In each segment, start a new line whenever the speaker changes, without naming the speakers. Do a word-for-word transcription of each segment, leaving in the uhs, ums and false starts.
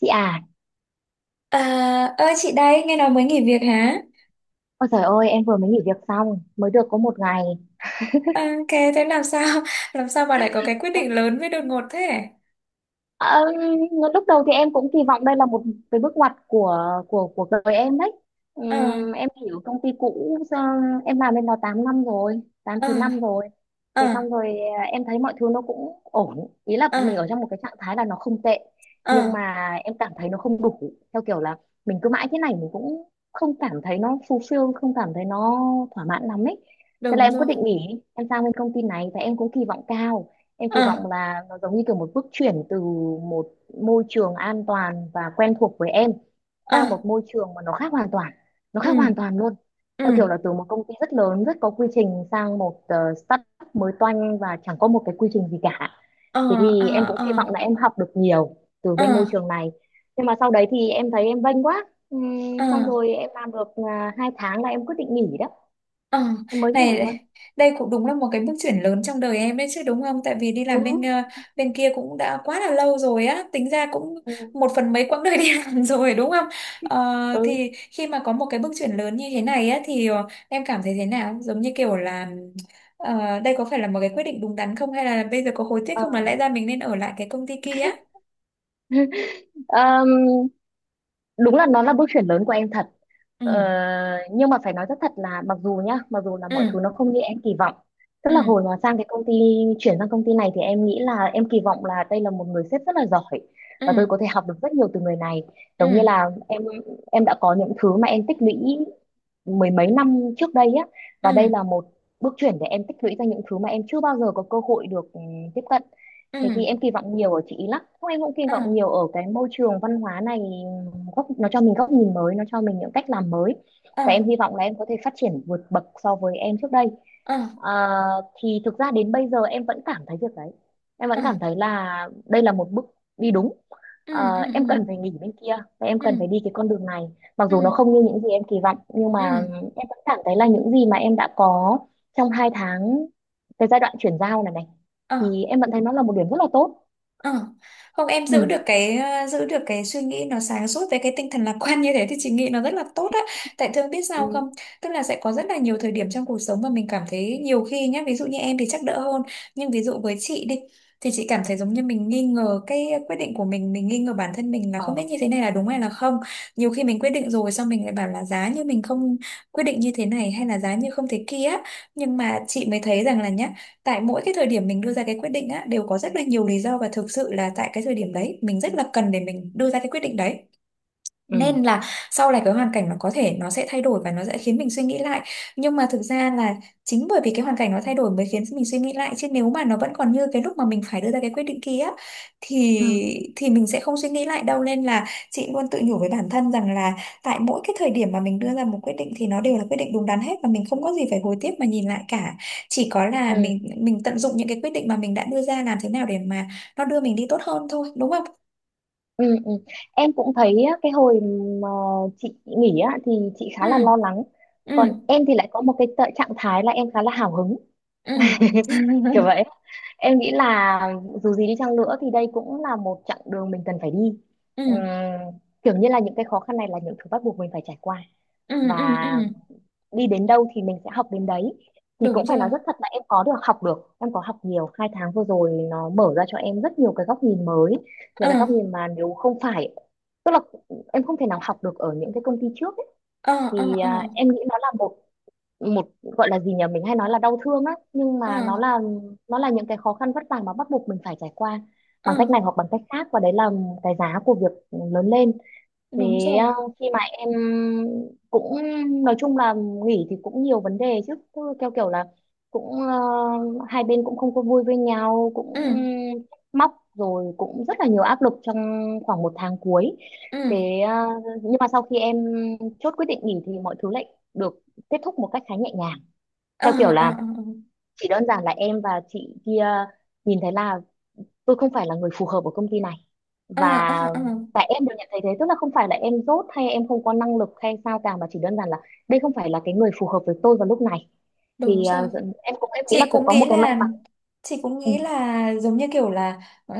Chị à,
À, ơi chị đây, nghe nói mới nghỉ việc hả?
ôi trời ơi, em vừa mới nghỉ việc xong, mới được có một ngày.
À, ok, thế làm sao? Làm sao bà lại có cái quyết định lớn với đột ngột thế?
Ờ, lúc đầu thì em cũng kỳ vọng đây là một cái bước ngoặt của của của đời em đấy.
Ờ,
Ừm, em hiểu công ty cũ, ờ, em làm bên đó tám năm rồi, tám
ờ,
chín năm rồi.
ờ,
Thế xong rồi, ờ, em thấy mọi thứ nó cũng ổn, ý là
ờ,
mình ở trong một cái trạng thái là nó không tệ,
ờ,
nhưng mà em cảm thấy nó không đủ, theo kiểu là mình cứ mãi thế này mình cũng không cảm thấy nó fulfill, không cảm thấy nó thỏa mãn lắm ấy. Thế là
đúng
em quyết
rồi.
định nghỉ, em sang bên công ty này và em cũng kỳ vọng cao. Em
Ờ,
kỳ vọng là nó giống như kiểu một bước chuyển từ một môi trường an toàn và quen thuộc với em
ờ,
sang một môi trường mà nó khác hoàn toàn. Nó
ừ,
khác hoàn toàn luôn.
ừ,
Theo kiểu là từ một công ty rất lớn, rất có quy trình sang một ờ, startup mới toanh và chẳng có một cái quy trình gì cả.
ờ,
Thế thì em
ờ,
cũng
ờ,
kỳ vọng là em học được nhiều từ
ờ,
bên môi trường này. Nhưng mà sau đấy thì em thấy em vênh quá. Ừm,
ờ.
xong rồi em làm được à, hai tháng là em quyết định nghỉ đó.
Ờ,
Em mới nghỉ
này
luôn.
đây cũng đúng là một cái bước chuyển lớn trong đời em đấy chứ đúng không? Tại vì đi
Ừ.
làm bên ờ, bên kia cũng đã quá là lâu rồi á, tính ra cũng
Ừ.
một phần mấy quãng đời đi làm rồi đúng không? Ờ,
Ừ.
thì khi mà có một cái bước chuyển lớn như thế này á thì ờ, em cảm thấy thế nào? Giống như kiểu là ờ, đây có phải là một cái quyết định đúng đắn không, hay là bây giờ có hối tiếc
Ờ.
không, là lẽ ra mình nên ở lại cái công ty kia á?
Ờm, đúng là nó là bước chuyển lớn của em thật, ờ,
Ừ.
nhưng mà phải nói rất thật là mặc dù nhá, mặc dù là mọi thứ
Ừ.
nó không như em kỳ vọng, tức là hồi
Ừ.
mà sang cái công ty chuyển sang công ty này thì em nghĩ là em kỳ vọng là đây là một người sếp rất là giỏi và tôi
Ừ.
có thể học được rất nhiều từ người này,
Ừ.
giống như là em em đã có những thứ mà em tích lũy mười mấy năm trước đây á, và
Ừ.
đây là một bước chuyển để em tích lũy ra những thứ mà em chưa bao giờ có cơ hội được ừ, tiếp cận.
Ừ.
Thế thì em kỳ vọng nhiều ở chị ý lắm, không, em cũng kỳ vọng
À.
nhiều ở cái môi trường văn hóa này, góc nó cho mình góc nhìn mới, nó cho mình những cách làm mới, và em
À.
hy vọng là em có thể phát triển vượt bậc so với em trước đây.
À.
Ờ, thì thực ra đến bây giờ em vẫn cảm thấy việc đấy, em vẫn cảm
À.
thấy là đây là một bước đi đúng.
Ừ.
Ờ,
Ừ.
em cần phải nghỉ bên kia và em cần
Ừ.
phải đi cái con đường này, mặc
ừ
dù nó không như những gì em kỳ vọng, nhưng mà
ừ
em vẫn cảm thấy là những gì mà em đã có trong hai tháng cái giai đoạn chuyển giao này này,
ờ
thì em vẫn thấy nó là một điểm rất là tốt.
ờ Không, em giữ
Ừ.
được cái ờ, giữ được cái suy nghĩ nó sáng suốt với cái tinh thần lạc quan như thế thì chị nghĩ nó rất là tốt á. Tại thường biết sao
Ừ.
không, tức là sẽ có rất là nhiều thời điểm trong cuộc sống mà mình cảm thấy nhiều khi nhá, ví dụ như em thì chắc đỡ hơn, nhưng ví dụ với chị đi, thì chị cảm thấy giống như mình nghi ngờ cái quyết định của mình mình nghi ngờ bản thân mình, là
Ờ.
không biết như thế này là đúng hay là không. Nhiều khi mình quyết định rồi, xong mình lại bảo là giá như mình không quyết định như thế này, hay là giá như không thế kia á. Nhưng mà chị mới thấy rằng là nhá, tại mỗi cái thời điểm mình đưa ra cái quyết định á, đều có rất là nhiều lý do, và thực sự là tại cái thời điểm đấy mình rất là cần để mình đưa ra cái quyết định đấy.
Ừ.
Nên là sau này cái hoàn cảnh nó có thể nó sẽ thay đổi và nó sẽ khiến mình suy nghĩ lại, nhưng mà thực ra là chính bởi vì cái hoàn cảnh nó thay đổi mới khiến mình suy nghĩ lại, chứ nếu mà nó vẫn còn như cái lúc mà mình phải đưa ra cái quyết định kia á, thì
Ừ.
thì mình sẽ không suy nghĩ lại đâu. Nên là chị luôn tự nhủ với bản thân rằng là tại mỗi cái thời điểm mà mình đưa ra một quyết định thì nó đều là quyết định đúng đắn hết, và mình không có gì phải hối tiếc mà nhìn lại cả. Chỉ có là
Ừ.
mình mình tận dụng những cái quyết định mà mình đã đưa ra, làm thế nào để mà nó đưa mình đi tốt hơn thôi, đúng không?
Ừ, ừ. Em cũng thấy á, cái hồi mà chị nghỉ á, thì chị
Ừ
khá là lo lắng,
ừ
còn em thì lại có một cái tợ- trạng thái là em khá là hào hứng.
ừ
Kiểu vậy, em nghĩ là dù gì đi chăng nữa thì đây cũng là một chặng đường mình cần phải đi.
ừ
Ừm, kiểu như là những cái khó khăn này là những thứ bắt buộc mình phải trải qua,
ừ
và
ừ ừ
đi đến đâu thì mình sẽ học đến đấy. Thì cũng
Đúng
phải nói
rồi.
rất thật là em có được học, được em có học nhiều, hai tháng vừa rồi nó mở ra cho em rất nhiều cái góc nhìn mới, những
ờ
cái góc nhìn mà nếu không phải, tức là em không thể nào học được ở những cái công ty trước ấy.
ờ ờ
Thì
ờ
à, em nghĩ nó là một một gọi là gì nhỉ, mình hay nói là đau thương á, nhưng
ờ
mà nó là, nó là những cái khó khăn vất vả mà bắt buộc mình phải trải qua
ờ
bằng cách này hoặc bằng cách khác, và đấy là cái giá của việc lớn lên. Thế
Đúng rồi.
uh, khi mà em cũng, nói chung là, nghỉ thì cũng nhiều vấn đề chứ. Cứ theo kiểu là cũng uh, hai bên cũng không có vui với nhau,
Ừ
cũng móc rồi, cũng rất là nhiều áp lực trong khoảng một tháng cuối.
ừ
Thế uh, nhưng mà sau khi em chốt quyết định nghỉ thì mọi thứ lại được kết thúc một cách khá nhẹ nhàng,
ờ
theo kiểu
ờ
là
ờ
chỉ đơn giản là em và chị kia nhìn thấy là tôi không phải là người phù hợp ở công ty này,
ờ
và
ờ ờ, ờ.
tại em được nhận thấy thế, tức là không phải là em dốt hay em không có năng lực hay sao cả, mà chỉ đơn giản là đây không phải là cái người phù hợp với tôi vào lúc này.
Đúng
Thì à,
rồi.
em cũng, em nghĩ là
chị
cũng
cũng
có
nghĩ
một cái may
là
mắn.
chị cũng
Ừ.
nghĩ là giống như kiểu là ờ,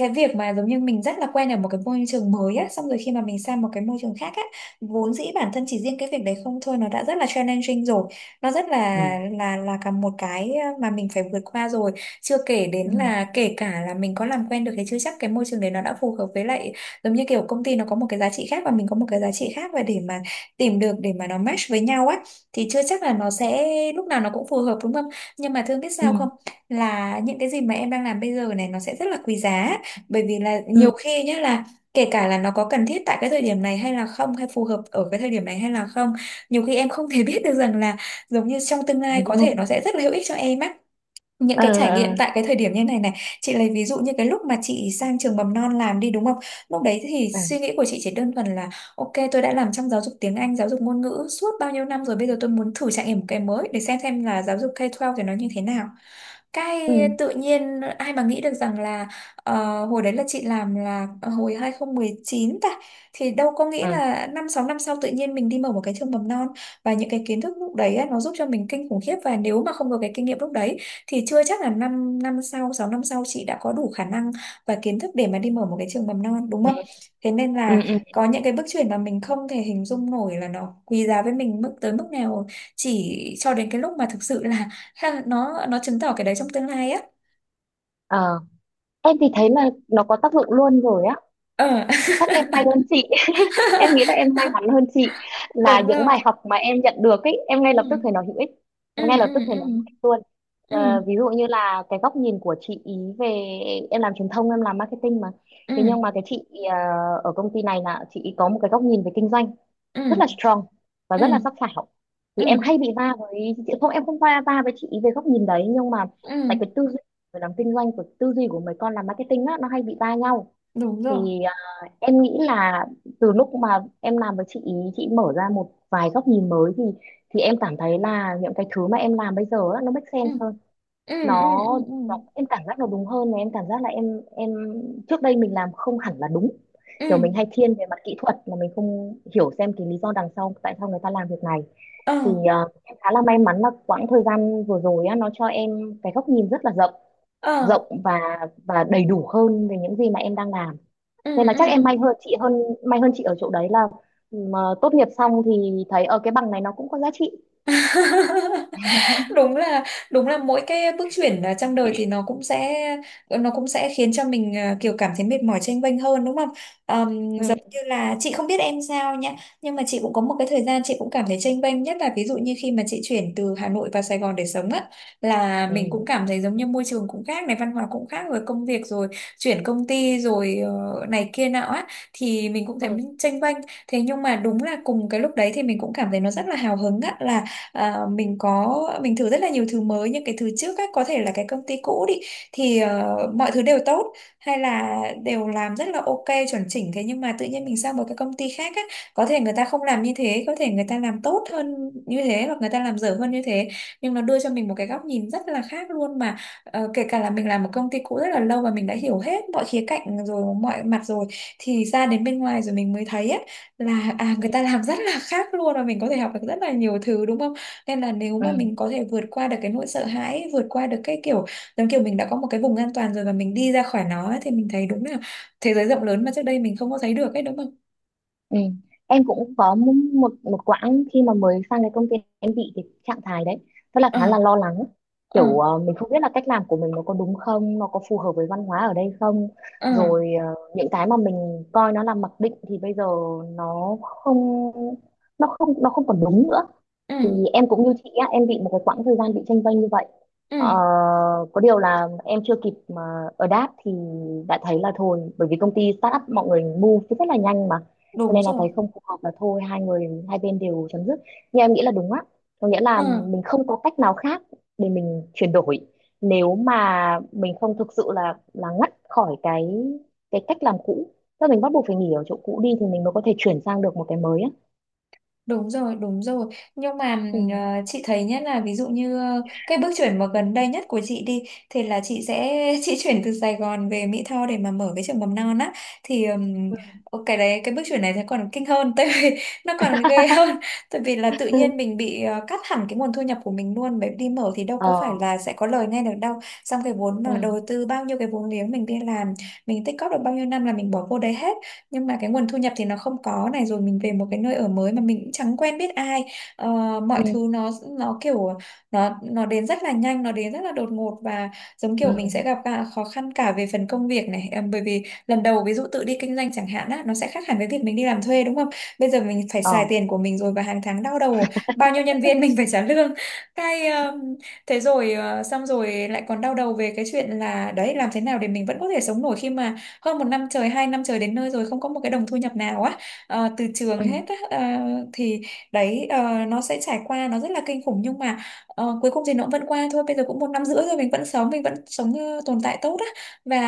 cái việc mà giống như mình rất là quen ở một cái môi trường mới á, xong rồi khi mà mình sang một cái môi trường khác á, vốn dĩ bản thân chỉ riêng cái việc đấy không thôi nó đã rất là challenging rồi. Nó rất là
Ừ.
là là cả một cái mà mình phải vượt qua rồi. Chưa kể đến là kể cả là mình có làm quen được thì chưa chắc cái môi trường đấy nó đã phù hợp với lại, giống như kiểu công ty nó có một cái giá trị khác và mình có một cái giá trị khác, và để mà tìm được để mà nó match với nhau á, thì chưa chắc là nó sẽ lúc nào nó cũng phù hợp, đúng không? Nhưng mà thương biết
Ừ.
sao không, là những cái gì mà em đang làm bây giờ này nó sẽ rất là quý giá. Bởi vì là nhiều
Ừ.
khi nhé, là kể cả là nó có cần thiết tại cái thời điểm này hay là không, hay phù hợp ở cái thời điểm này hay là không, nhiều khi em không thể biết được rằng là giống như trong tương
Ừ.
lai có thể nó sẽ rất là hữu ích cho em á, những
Ờ.
cái trải nghiệm
Ờ.
tại cái thời điểm như này này. Chị lấy ví dụ như cái lúc mà chị sang trường mầm non làm đi, đúng không, lúc đấy thì
Ờ.
suy nghĩ của chị chỉ đơn thuần là ok, tôi đã làm trong giáo dục tiếng Anh, giáo dục ngôn ngữ suốt bao nhiêu năm rồi, bây giờ tôi muốn thử trải nghiệm một cái mới để xem xem là giáo dục ca mười hai thì nó như thế nào. cái
Ừ.
Tự nhiên ai mà nghĩ được rằng là ờ, hồi đấy là chị làm là ờ, hồi hai không một chín ta, thì đâu có nghĩ
Ừ.
là năm sáu năm sau tự nhiên mình đi mở một cái trường mầm non. Và những cái kiến thức lúc đấy á, nó giúp cho mình kinh khủng khiếp, và nếu mà không có cái kinh nghiệm lúc đấy thì chưa chắc là 5 năm năm sau sáu năm sau chị đã có đủ khả năng và kiến thức để mà đi mở một cái trường mầm non, đúng
Ừ.
không? Thế nên
Ừ.
là
Ừ.
có những cái bước chuyển mà mình không thể hình dung nổi là nó quý giá với mình mức tới mức nào, chỉ cho đến cái lúc mà thực sự là ha, nó nó chứng tỏ cái đấy trong tương lai á.
Ờ. Em thì thấy là nó có tác dụng luôn rồi á,
Ờ
chắc em may hơn chị, em nghĩ là em may mắn hơn chị, là
Đúng
những
không?
bài học mà em nhận được ấy, em ngay
Ừ
lập tức thấy nó hữu ích,
ừ
ngay
ừ
lập tức thấy
ừ
nó hữu ích luôn. Ờ,
ừ
ví dụ như là cái góc nhìn của chị ý về, em làm truyền thông, em làm marketing mà.
ừ
Thế nhưng mà cái chị, ờ, ở công ty này là chị ý có một cái góc nhìn về kinh doanh
ừ
rất là strong và
ừ
rất là sắc sảo. Thì
ừ
em hay bị va với chị, không, em không va va với chị ý về góc nhìn đấy, nhưng mà
ừ
tại cái tư duy về làm kinh doanh, của tư duy của mấy con làm marketing á, nó hay bị va nhau.
Đúng rồi.
Thì em nghĩ là từ lúc mà em làm với chị ý, chị mở ra một vài góc nhìn mới, thì thì em cảm thấy là những cái thứ mà em làm bây giờ á, nó make
Ừ
sense hơn,
ừ ừ
nó,
ừ ừ
nó em cảm giác nó đúng hơn, và em cảm giác là em em trước đây mình làm không hẳn là đúng,
ừ
kiểu mình hay thiên về mặt kỹ thuật mà mình không hiểu xem cái lý do đằng sau, tại sao người ta làm việc này.
ờ
Thì ờ, em khá là may mắn là quãng thời gian vừa rồi á, nó cho em cái góc nhìn rất là rộng,
ờ
rộng và và đầy đủ hơn về những gì mà em đang làm.
ừ ừ
Nên là chắc em
ừ
may hơn chị hơn, may hơn chị ở chỗ đấy là mà tốt nghiệp xong thì thấy ở cái bằng này nó cũng có giá trị.
Đúng là đúng là mỗi cái bước chuyển à, trong đời thì nó cũng sẽ nó cũng sẽ khiến cho mình à, kiểu cảm thấy mệt mỏi, chênh vênh hơn, đúng không? Ờm, giống
Ừ.
như là chị không biết em sao nhá, nhưng mà chị cũng có một cái thời gian chị cũng cảm thấy chênh vênh, nhất là ví dụ như khi mà chị chuyển từ Hà Nội vào Sài Gòn để sống á, là mình
Ừ.
cũng cảm thấy giống như môi trường cũng khác này, văn hóa cũng khác, rồi công việc, rồi chuyển công ty, rồi ờ, này kia nọ á, thì mình cũng thấy
Ừ,
mình chênh vênh. Thế nhưng mà đúng là cùng cái lúc đấy thì mình cũng cảm thấy nó rất là hào hứng á, là à, mình có mình thử rất là nhiều thứ mới. Nhưng cái thứ trước á, có thể là cái công ty cũ đi, thì ờ, mọi thứ đều tốt, hay là đều làm rất là ok, chuẩn chỉnh. Thế nhưng mà tự nhiên mình sang một cái công ty khác á, có thể người ta không làm như thế, có thể người ta làm tốt hơn như thế, hoặc người ta làm dở hơn như thế, nhưng nó đưa cho mình một cái góc nhìn rất là khác luôn mà. Ờ, kể cả là mình làm một công ty cũ rất là lâu và mình đã hiểu hết mọi khía cạnh rồi, mọi mặt rồi, thì ra đến bên ngoài rồi mình mới thấy á, là à
ừ.
người ta làm rất là khác luôn, và mình có thể học được rất là nhiều thứ, đúng không? Nên là nếu mà
Ừ.
mình có thể vượt qua được cái nỗi sợ hãi, vượt qua được cái kiểu giống kiểu mình đã có một cái vùng an toàn rồi và mình đi ra khỏi nó ấy, thì mình thấy đúng là thế giới rộng lớn mà trước đây mình không có thấy được ấy, đúng không?
Ừ. Em cũng có m- một một quãng khi mà mới sang cái công ty, em bị cái trạng thái đấy, rất là,
ờ
khá là lo lắng,
ờ
kiểu ờ, mình không biết là cách làm của mình nó có đúng không, nó có phù hợp với văn hóa ở đây không.
ờ
Rồi ờ, những cái mà mình coi nó là mặc định thì bây giờ nó không, nó không nó không còn đúng nữa. Thì
ừ
em cũng như chị á, em bị một cái quãng thời gian bị chênh vênh như vậy,
ừ
ờ, có điều là em chưa kịp mà adapt thì đã thấy là thôi, bởi vì công ty startup mọi người move rất là nhanh mà, cho
Đúng
nên là
rồi.
thấy không phù hợp là thôi, hai người, hai bên đều chấm dứt. Nhưng em nghĩ là đúng á, có nghĩa là
Ờ.
mình không có cách nào khác để mình chuyển đổi, nếu mà mình không thực sự là là ngắt khỏi cái cái cách làm cũ, tức là mình bắt buộc phải nghỉ ở chỗ cũ đi thì mình mới có thể chuyển sang được một cái mới á.
Đúng rồi, đúng rồi. Nhưng mà
Ừ.
ừm, ờ, chị thấy nhất là ví dụ như ờ, cái bước chuyển mà gần đây nhất của chị đi, thì là chị sẽ chị chuyển từ Sài Gòn về Mỹ Tho để mà mở cái trường mầm non á. Thì ừm, ờ, cái đấy cái bước chuyển này thì còn kinh hơn, tại vì nó còn ghê hơn. Tại vì là tự
Ừ.
nhiên mình bị ờ, cắt hẳn cái nguồn thu nhập của mình luôn, bởi đi mở thì đâu có
Ờ.
phải là sẽ có lời ngay được đâu. Xong cái vốn mà
Ừ.
đầu tư, bao nhiêu cái vốn liếng mình đi làm, mình tích cóp được bao nhiêu năm là mình bỏ vô đấy hết, nhưng mà cái nguồn thu nhập thì nó không có. Này rồi mình về một cái nơi ở mới mà mình cũng chẳng quen biết ai. Ờ, mọi
Ừ.
thứ nó nó kiểu nó nó đến rất là nhanh, nó đến rất là đột ngột, và giống
Ừ.
kiểu mình sẽ gặp cả khó khăn cả về phần công việc này. Ờ, bởi vì lần đầu ví dụ tự đi kinh doanh chẳng hạn á, nó sẽ khác hẳn với việc mình đi làm thuê, đúng không, bây giờ mình phải
Ờ.
xài tiền của mình rồi, và hàng tháng đau đầu bao nhiêu nhân viên mình phải trả lương. cái ờ, Thế rồi ờ, xong rồi lại còn đau đầu về cái chuyện là đấy, làm thế nào để mình vẫn có thể sống nổi khi mà hơn một năm trời, hai năm trời đến nơi rồi không có một cái đồng thu nhập nào á, ờ, từ trường
Ừ.
hết á. ờ, thì đấy, ờ, nó sẽ trải qua nó rất là kinh khủng, nhưng mà ờ, cuối cùng thì nó cũng vẫn qua thôi. Bây giờ cũng một năm rưỡi rồi mình vẫn sống, mình vẫn sống ờ, tồn tại tốt á, và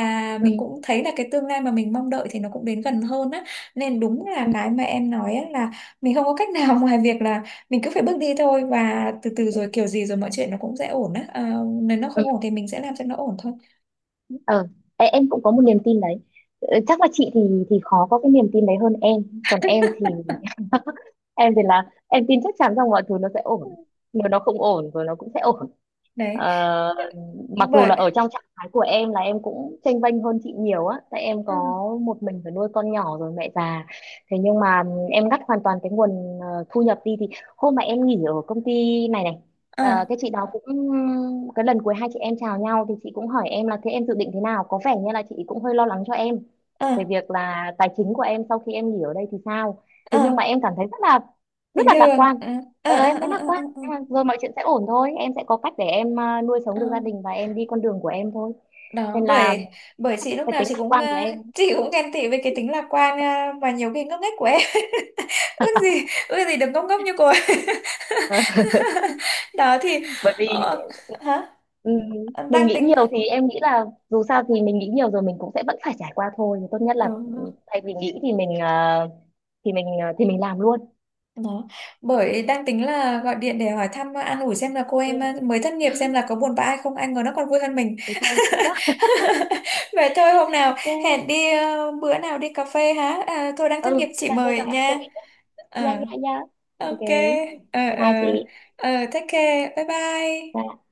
Ừ.
mình cũng thấy là cái tương lai mà mình mong đợi thì nó cũng đến gần hơn á. Nên đúng là
Ừ.
cái mà em nói á, là mình không có cách nào ngoài việc là mình cứ phải bước đi thôi, và từ từ rồi kiểu gì rồi mọi chuyện nó cũng sẽ ổn á. Ờ, nếu nó
Ừ.
không ổn thì mình sẽ làm cho nó ổn thôi.
Ờ. Ê, em cũng có một niềm tin đấy. Ờ, chắc là chị thì thì khó có cái niềm tin đấy hơn em, còn em thì, em thì là em tin chắc chắn rằng mọi thứ nó sẽ ổn, nếu nó không ổn rồi nó cũng sẽ ổn.
Đấy
Ờ, mặc dù là
bởi
ở trong trạng thái của em là em cũng chênh vênh hơn chị nhiều á, tại em có
ừ.
một mình phải nuôi con nhỏ rồi mẹ già, thế nhưng mà em ngắt hoàn toàn cái nguồn, ờ, thu nhập đi, thì hôm mà em nghỉ ở công ty này này, ờ,
Ờ.
cái chị đó cũng, cái lần cuối hai chị em chào nhau thì chị cũng hỏi em là thế em dự định thế nào, có vẻ như là chị cũng hơi lo lắng cho em
ờ
về việc là tài chính của em sau khi em nghỉ ở đây thì sao.
ờ
Thế nhưng mà em cảm thấy rất là, rất
Bình
là lạc quan.
thường. ờ ờ
Ờ,
ờ
em thấy
ờ
lạc
ờ ờ,
quan,
ờ,
nhưng mà rồi mọi chuyện sẽ ổn thôi, em sẽ có cách để em, à, nuôi sống
ờ.
được gia đình và em đi con đường của em thôi,
Đó
nên là
bởi bởi chị lúc
cái
nào
tính
chị
lạc
cũng
quan
ờ,
của em.
chị cũng ghen tị với cái tính lạc quan ờ, mà nhiều khi ngốc nghếch của em. Ước gì, ước gì được ngốc ngốc như cô ấy. Đó thì
Bởi vì
ờ, hả?
ừm,
Ờ,
mình
đang
nghĩ
tính
nhiều, thì em nghĩ là dù sao thì mình nghĩ nhiều rồi mình cũng sẽ vẫn phải trải qua thôi. Thì tốt nhất là
Đúng rồi.
ừm, thay vì nghĩ thì mình, à, thì mình à, thì mình làm luôn.
Đó bởi đang tính là gọi điện để hỏi thăm, ờ, an ủi xem là cô
Ừ,
em ờ, mới thất nghiệp xem là có buồn bã hay không, anh ngờ nó còn vui hơn mình.
thì cô em vui quá.
Vậy thôi hôm nào
OK.
hẹn đi, ờ, bữa nào đi cà phê hả, à, tôi đang thất
Ừ,
nghiệp,
đi
chị
cà phê
mời
rồi em kể.
nha. ờ
Yeah, yeah, yeah. OK.
ok. ờ
Bye
ờ
bye chị.
ờ Take care, bye bye.
Bye.